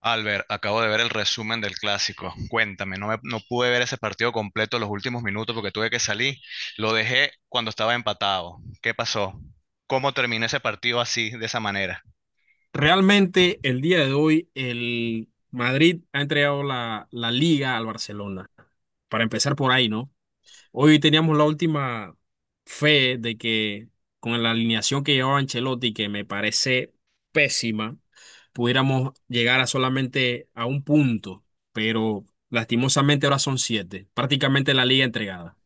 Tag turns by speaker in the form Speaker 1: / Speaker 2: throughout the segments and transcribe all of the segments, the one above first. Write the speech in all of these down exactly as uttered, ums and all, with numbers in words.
Speaker 1: Albert, acabo de ver el resumen del clásico. Cuéntame, no, me- no pude ver ese partido completo los últimos minutos porque tuve que salir. Lo dejé cuando estaba empatado. ¿Qué pasó? ¿Cómo terminó ese partido así, de esa manera?
Speaker 2: Realmente el día de hoy el Madrid ha entregado la, la liga al Barcelona. Para empezar por ahí, ¿no? Hoy teníamos la última fe de que con la alineación que llevaba Ancelotti, que me parece pésima, pudiéramos llegar a solamente a un punto, pero lastimosamente ahora son siete, prácticamente la liga entregada.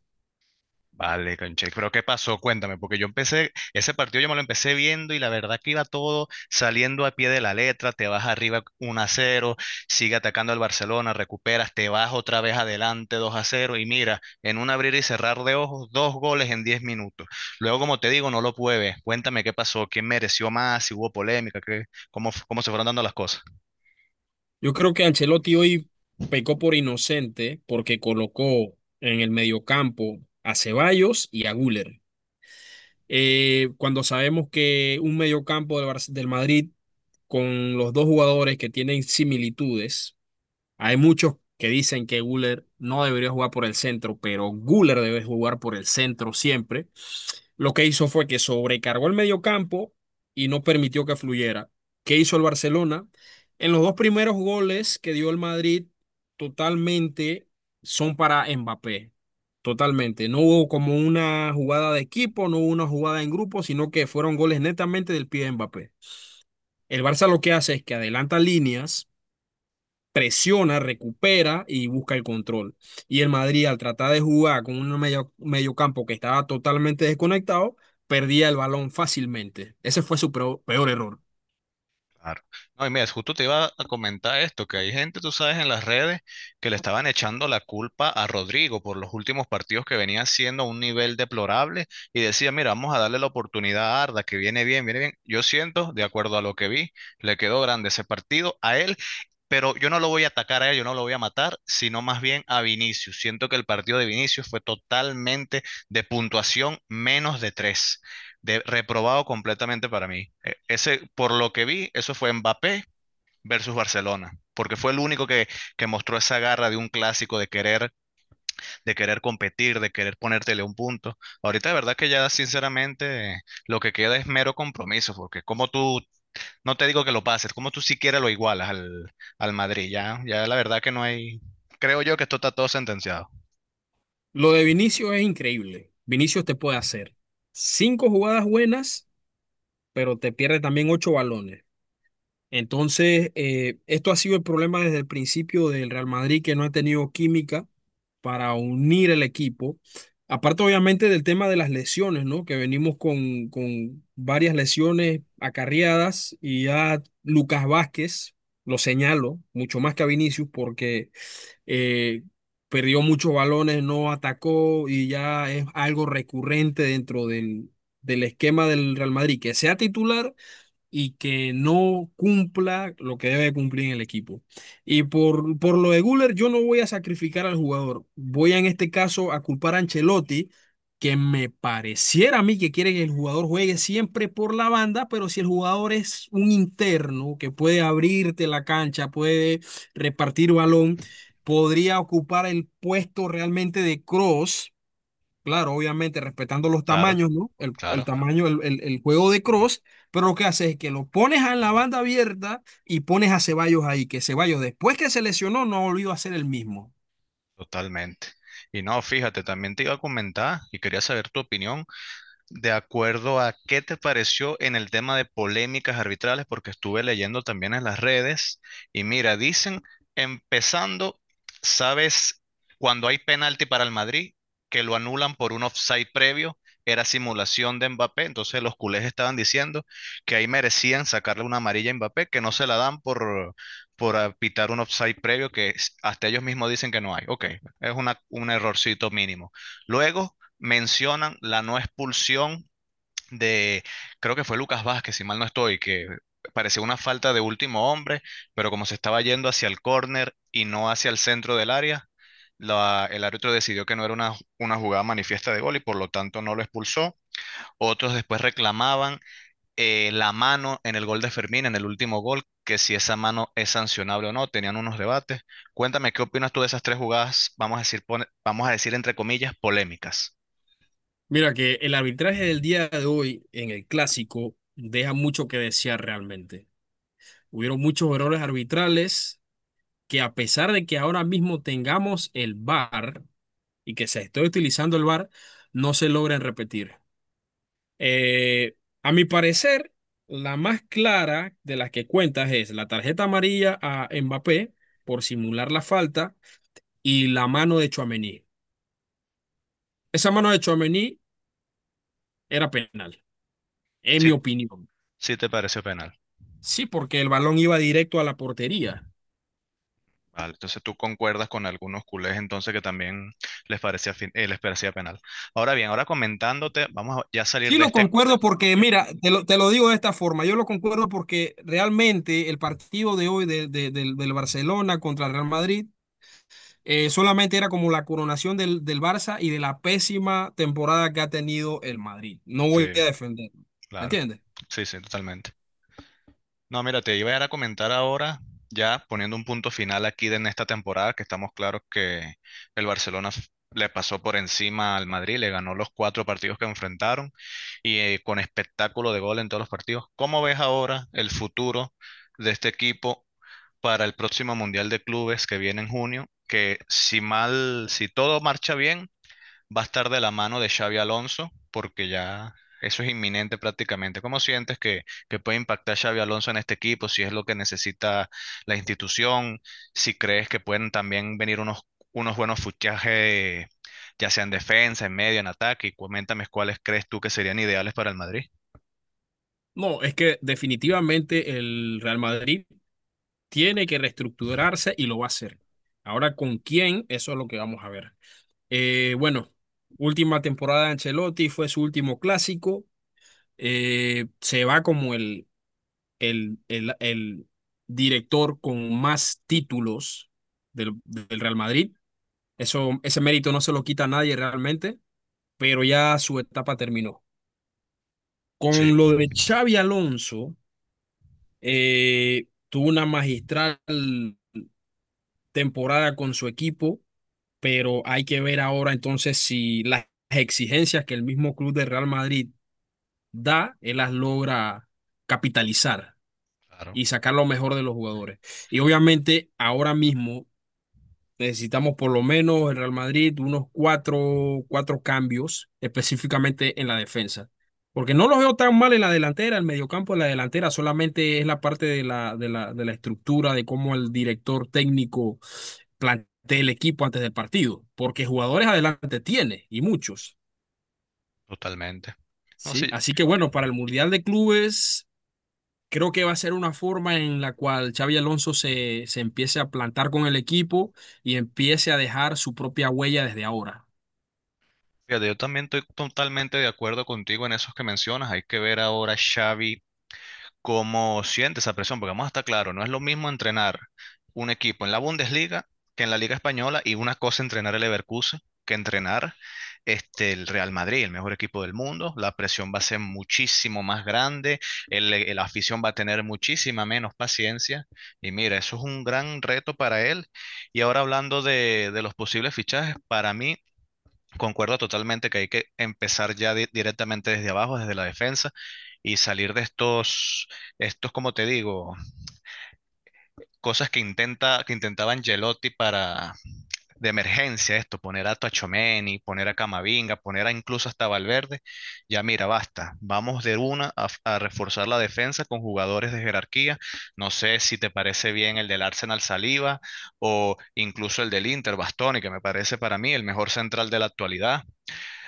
Speaker 1: Vale, conche, pero ¿qué pasó? Cuéntame, porque yo empecé, ese partido yo me lo empecé viendo y la verdad que iba todo saliendo a pie de la letra, te vas arriba uno a cero, sigue atacando al Barcelona, recuperas, te vas otra vez adelante dos a cero y mira, en un abrir y cerrar de ojos, dos goles en diez minutos. Luego, como te digo, no lo pude ver. Cuéntame qué pasó, quién mereció más, si hubo polémica, qué, cómo, f- cómo se fueron dando las cosas.
Speaker 2: Yo creo que Ancelotti hoy pecó por inocente porque colocó en el mediocampo a Ceballos y a Güler. Eh, cuando sabemos que un mediocampo del, Bar- del Madrid con los dos jugadores que tienen similitudes, hay muchos que dicen que Guller no debería jugar por el centro, pero Guller debe jugar por el centro siempre. Lo que hizo fue que sobrecargó el mediocampo y no permitió que fluyera. ¿Qué hizo el Barcelona? En los dos primeros goles que dio el Madrid, totalmente son para Mbappé. Totalmente. No hubo como una jugada de equipo, no hubo una jugada en grupo, sino que fueron goles netamente del pie de Mbappé. El Barça lo que hace es que adelanta líneas, presiona, recupera y busca el control. Y el Madrid, al tratar de jugar con un medio, medio campo que estaba totalmente desconectado, perdía el balón fácilmente. Ese fue su peor, peor error.
Speaker 1: Claro. No, y mira, justo te iba a comentar esto, que hay gente, tú sabes, en las redes que le estaban echando la culpa a Rodrigo por los últimos partidos que venía haciendo a un nivel deplorable y decía, mira, vamos a darle la oportunidad a Arda, que viene bien, viene bien. Yo siento, de acuerdo a lo que vi, le quedó grande ese partido a él, pero yo no lo voy a atacar a él, yo no lo voy a matar, sino más bien a Vinicius. Siento que el partido de Vinicius fue totalmente de puntuación menos de tres, de- reprobado completamente para mí. E- Ese, por lo que vi, eso fue Mbappé versus Barcelona, porque fue el único que, que mostró esa garra de un clásico, de querer, de querer competir, de querer ponértele un punto. Ahorita de verdad que ya sinceramente lo que queda es mero compromiso, porque como tú, no te digo que lo pases, como tú siquiera lo igualas al, al Madrid, ya, ya la verdad que no hay, creo yo que esto está todo sentenciado.
Speaker 2: Lo de Vinicius es increíble. Vinicius te puede hacer cinco jugadas buenas, pero te pierde también ocho balones. Entonces, eh, esto ha sido el problema desde el principio del Real Madrid, que no ha tenido química para unir el equipo. Aparte, obviamente, del tema de las lesiones, ¿no? Que venimos con, con varias lesiones acarreadas y ya Lucas Vázquez, lo señalo, mucho más que a Vinicius, porque eh, perdió muchos balones, no atacó y ya es algo recurrente dentro del, del esquema del Real Madrid, que sea titular y que no cumpla lo que debe cumplir en el equipo. Y por, por lo de Guller, yo no voy a sacrificar al jugador. Voy a, en este caso, a culpar a Ancelotti, que me pareciera a mí que quiere que el jugador juegue siempre por la banda, pero si el jugador es un interno que puede abrirte la cancha, puede repartir balón, podría ocupar el puesto realmente de cross. Claro, obviamente respetando los
Speaker 1: Claro,
Speaker 2: tamaños, ¿no? El, el
Speaker 1: claro,
Speaker 2: tamaño, el, el- el juego de Cross, pero lo que hace es que lo pones en la banda abierta y pones a Ceballos ahí, que Ceballos después que se lesionó no ha volvido a ser el mismo.
Speaker 1: totalmente. Y no, fíjate, también te iba a comentar y quería saber tu opinión. De acuerdo a qué te pareció en el tema de polémicas arbitrales, porque estuve leyendo también en las redes y mira, dicen, empezando, ¿sabes? Cuando hay penalti para el Madrid, que lo anulan por un offside previo, era simulación de Mbappé, entonces los culés estaban diciendo que ahí merecían sacarle una amarilla a Mbappé, que no se la dan por, por apitar un offside previo, que es- hasta ellos mismos dicen que no hay. Ok, es una, un errorcito mínimo. Luego mencionan la no expulsión de, creo que fue Lucas Vázquez, si mal no estoy, que parecía una falta de último hombre, pero como se estaba yendo hacia el córner y no hacia el centro del área, la- el árbitro decidió que no era una, una jugada manifiesta de gol y por lo tanto no lo expulsó. Otros después reclamaban eh, la mano en el gol de Fermín, en el último gol, que si esa mano es sancionable o no, tenían unos debates. Cuéntame, ¿qué opinas tú de esas tres jugadas, vamos a decir, pone- vamos a decir entre comillas, polémicas?
Speaker 2: Mira que el arbitraje del día de hoy en el clásico deja mucho que desear realmente. Hubieron muchos errores arbitrales que, a pesar de que ahora mismo tengamos el V A R y que se esté utilizando el V A R, no se logran repetir. Eh, a mi parecer, la más clara de las que cuentas es la tarjeta amarilla a Mbappé por simular la falta y la mano de Chouameni. Esa mano de Chouameni era penal, en
Speaker 1: Si
Speaker 2: mi opinión.
Speaker 1: Sí te pareció penal.
Speaker 2: Sí, porque el balón iba directo a la portería.
Speaker 1: Vale, entonces tú concuerdas con algunos culés entonces que también les parecía, fin- eh, les parecía penal. Ahora bien, ahora comentándote, vamos a ya salir
Speaker 2: Sí,
Speaker 1: de
Speaker 2: lo
Speaker 1: este.
Speaker 2: concuerdo porque, mira, te lo, te lo digo de esta forma, yo lo concuerdo porque realmente el partido de hoy de- de- del del Barcelona contra el Real Madrid. Eh, solamente era como la coronación del, del Barça y de la pésima temporada que ha tenido el Madrid. No voy
Speaker 1: Sí,
Speaker 2: a defenderlo. ¿Me
Speaker 1: claro.
Speaker 2: entiendes?
Speaker 1: Sí, sí, totalmente. No, mira, te iba a ir a comentar ahora, ya poniendo un punto final aquí de en esta temporada, que estamos claros que el Barcelona f- le pasó por encima al Madrid, le ganó los cuatro partidos que enfrentaron y eh, con espectáculo de gol en todos los partidos. ¿Cómo ves ahora el futuro de este equipo para el próximo Mundial de Clubes que viene en junio, que si mal, si todo marcha bien, va a estar de la mano de Xavi Alonso, porque ya eso es inminente prácticamente? ¿Cómo sientes que, que puede impactar Xavi Alonso en este equipo? Si es lo que necesita la institución, si crees que pueden también venir unos, unos buenos fichajes, ya sea en defensa, en medio, en ataque, y coméntame cuáles crees tú que serían ideales para el Madrid.
Speaker 2: No, es que definitivamente el Real Madrid tiene que reestructurarse y lo va a hacer. Ahora, ¿con quién? Eso es lo que vamos a ver. Eh, bueno, última temporada de Ancelotti, fue su último clásico. Eh, se va como el, el, el, el director con más títulos del, del Real Madrid. Eso, ese mérito no se lo quita a nadie realmente, pero ya su etapa terminó.
Speaker 1: Sí,
Speaker 2: Con lo de Xavi Alonso, eh, tuvo una magistral temporada con su equipo, pero hay que ver ahora entonces si las exigencias que el mismo club de Real Madrid da, él las logra capitalizar
Speaker 1: claro,
Speaker 2: y sacar lo mejor de los jugadores. Y obviamente ahora mismo necesitamos por lo menos el Real Madrid unos cuatro, cuatro cambios, específicamente en la defensa. Porque no los veo tan mal en la delantera, el mediocampo, en la delantera, solamente es la parte de la, de la, de la estructura, de cómo el director técnico plantea el equipo antes del partido. Porque jugadores adelante tiene, y muchos.
Speaker 1: totalmente. No,
Speaker 2: ¿Sí?
Speaker 1: sí,
Speaker 2: Así que bueno, para el Mundial de Clubes creo que va a ser una forma en la cual Xabi Alonso se, se empiece a plantar con el equipo y empiece a dejar su propia huella desde ahora.
Speaker 1: fíjate, yo también estoy totalmente de acuerdo contigo en esos que mencionas. Hay que ver ahora, Xavi, cómo siente esa presión, porque vamos a estar claro, no es lo mismo entrenar un equipo en la Bundesliga que en la Liga Española y una cosa entrenar el Leverkusen que entrenar este, el Real Madrid, el mejor equipo del mundo. La presión va a ser muchísimo más grande, el, el afición va a tener muchísima menos paciencia. Y mira, eso es un gran reto para él. Y ahora hablando de, de los posibles fichajes, para mí, concuerdo totalmente que hay que empezar ya di- directamente desde abajo, desde la defensa, y salir de estos, estos, como te digo, cosas que intenta, que intentaba Angelotti para de emergencia, esto, poner a Tchouaméni, poner a Camavinga, poner a incluso hasta Valverde. Ya mira, basta. Vamos de una a, a reforzar la defensa con jugadores de jerarquía. No sé si te parece bien el del Arsenal Saliba o incluso el del Inter, Bastoni, que me parece para mí el mejor central de la actualidad.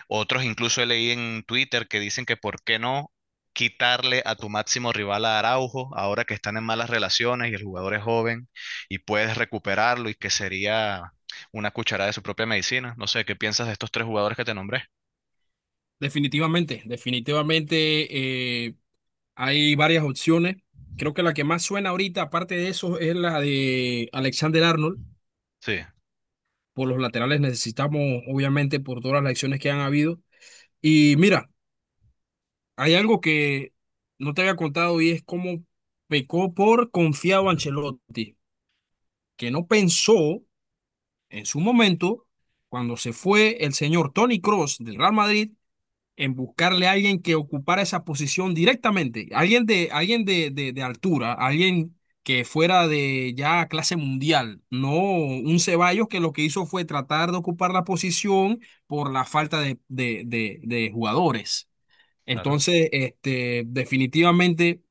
Speaker 1: Otros incluso he leído en Twitter que dicen que por qué no quitarle a tu máximo rival a Araujo, ahora que están en malas relaciones y el jugador es joven y puedes recuperarlo y que sería una cucharada de su propia medicina. No sé, ¿qué piensas de estos tres jugadores que te nombré?
Speaker 2: Definitivamente, definitivamente eh, hay varias opciones. Creo que la que más suena ahorita, aparte de eso, es la de Alexander Arnold.
Speaker 1: Sí,
Speaker 2: Por los laterales necesitamos, obviamente, por todas las lesiones que han habido. Y mira, hay algo que no te había contado y es cómo pecó por confiado Ancelotti, que no pensó en su momento, cuando se fue el señor Tony Cross del Real Madrid, en buscarle a alguien que ocupara esa posición directamente, alguien de, alguien de, de, de altura, alguien que fuera de ya clase mundial, no un Ceballos que lo que hizo fue tratar de ocupar la posición por la falta de, de, de, de jugadores.
Speaker 1: claro.
Speaker 2: Entonces, este, definitivamente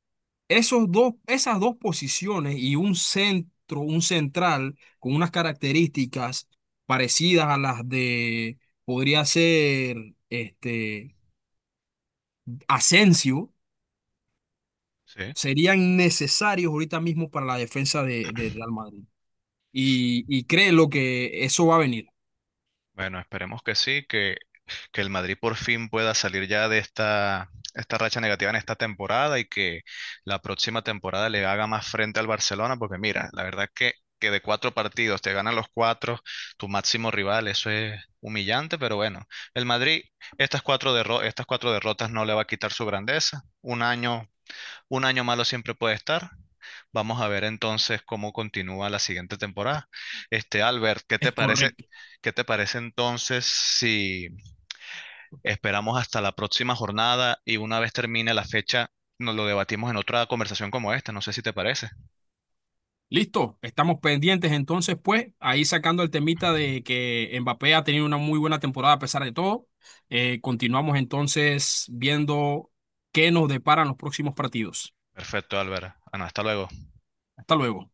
Speaker 2: esos dos, esas dos posiciones y un centro, un central con unas características parecidas a las de, podría ser, este, Asensio,
Speaker 1: Sí.
Speaker 2: serían necesarios ahorita mismo para la defensa de, de Real Madrid. Y, y créelo que eso va a venir.
Speaker 1: Bueno, esperemos que sí, que, que el Madrid por fin pueda salir ya de esta, esta racha negativa en esta temporada y que la próxima temporada le haga más frente al Barcelona, porque mira, la verdad que, que de cuatro partidos te ganan los cuatro, tu máximo rival, eso es humillante, pero bueno, el Madrid, estas cuatro derro- estas cuatro derrotas no le va a quitar su grandeza. Un año un año malo siempre puede estar. Vamos a ver entonces cómo continúa la siguiente temporada. Este, Albert, ¿qué
Speaker 2: Es
Speaker 1: te parece?
Speaker 2: correcto.
Speaker 1: ¿Qué te parece entonces si esperamos hasta la próxima jornada y una vez termine la fecha, nos lo debatimos en otra conversación como esta? No sé si te parece.
Speaker 2: Listo, estamos pendientes entonces, pues, ahí sacando el temita de que Mbappé ha tenido una muy buena temporada a pesar de todo. Eh, continuamos entonces viendo qué nos deparan los próximos partidos.
Speaker 1: Perfecto, Albert. Ana, hasta luego.
Speaker 2: Hasta luego.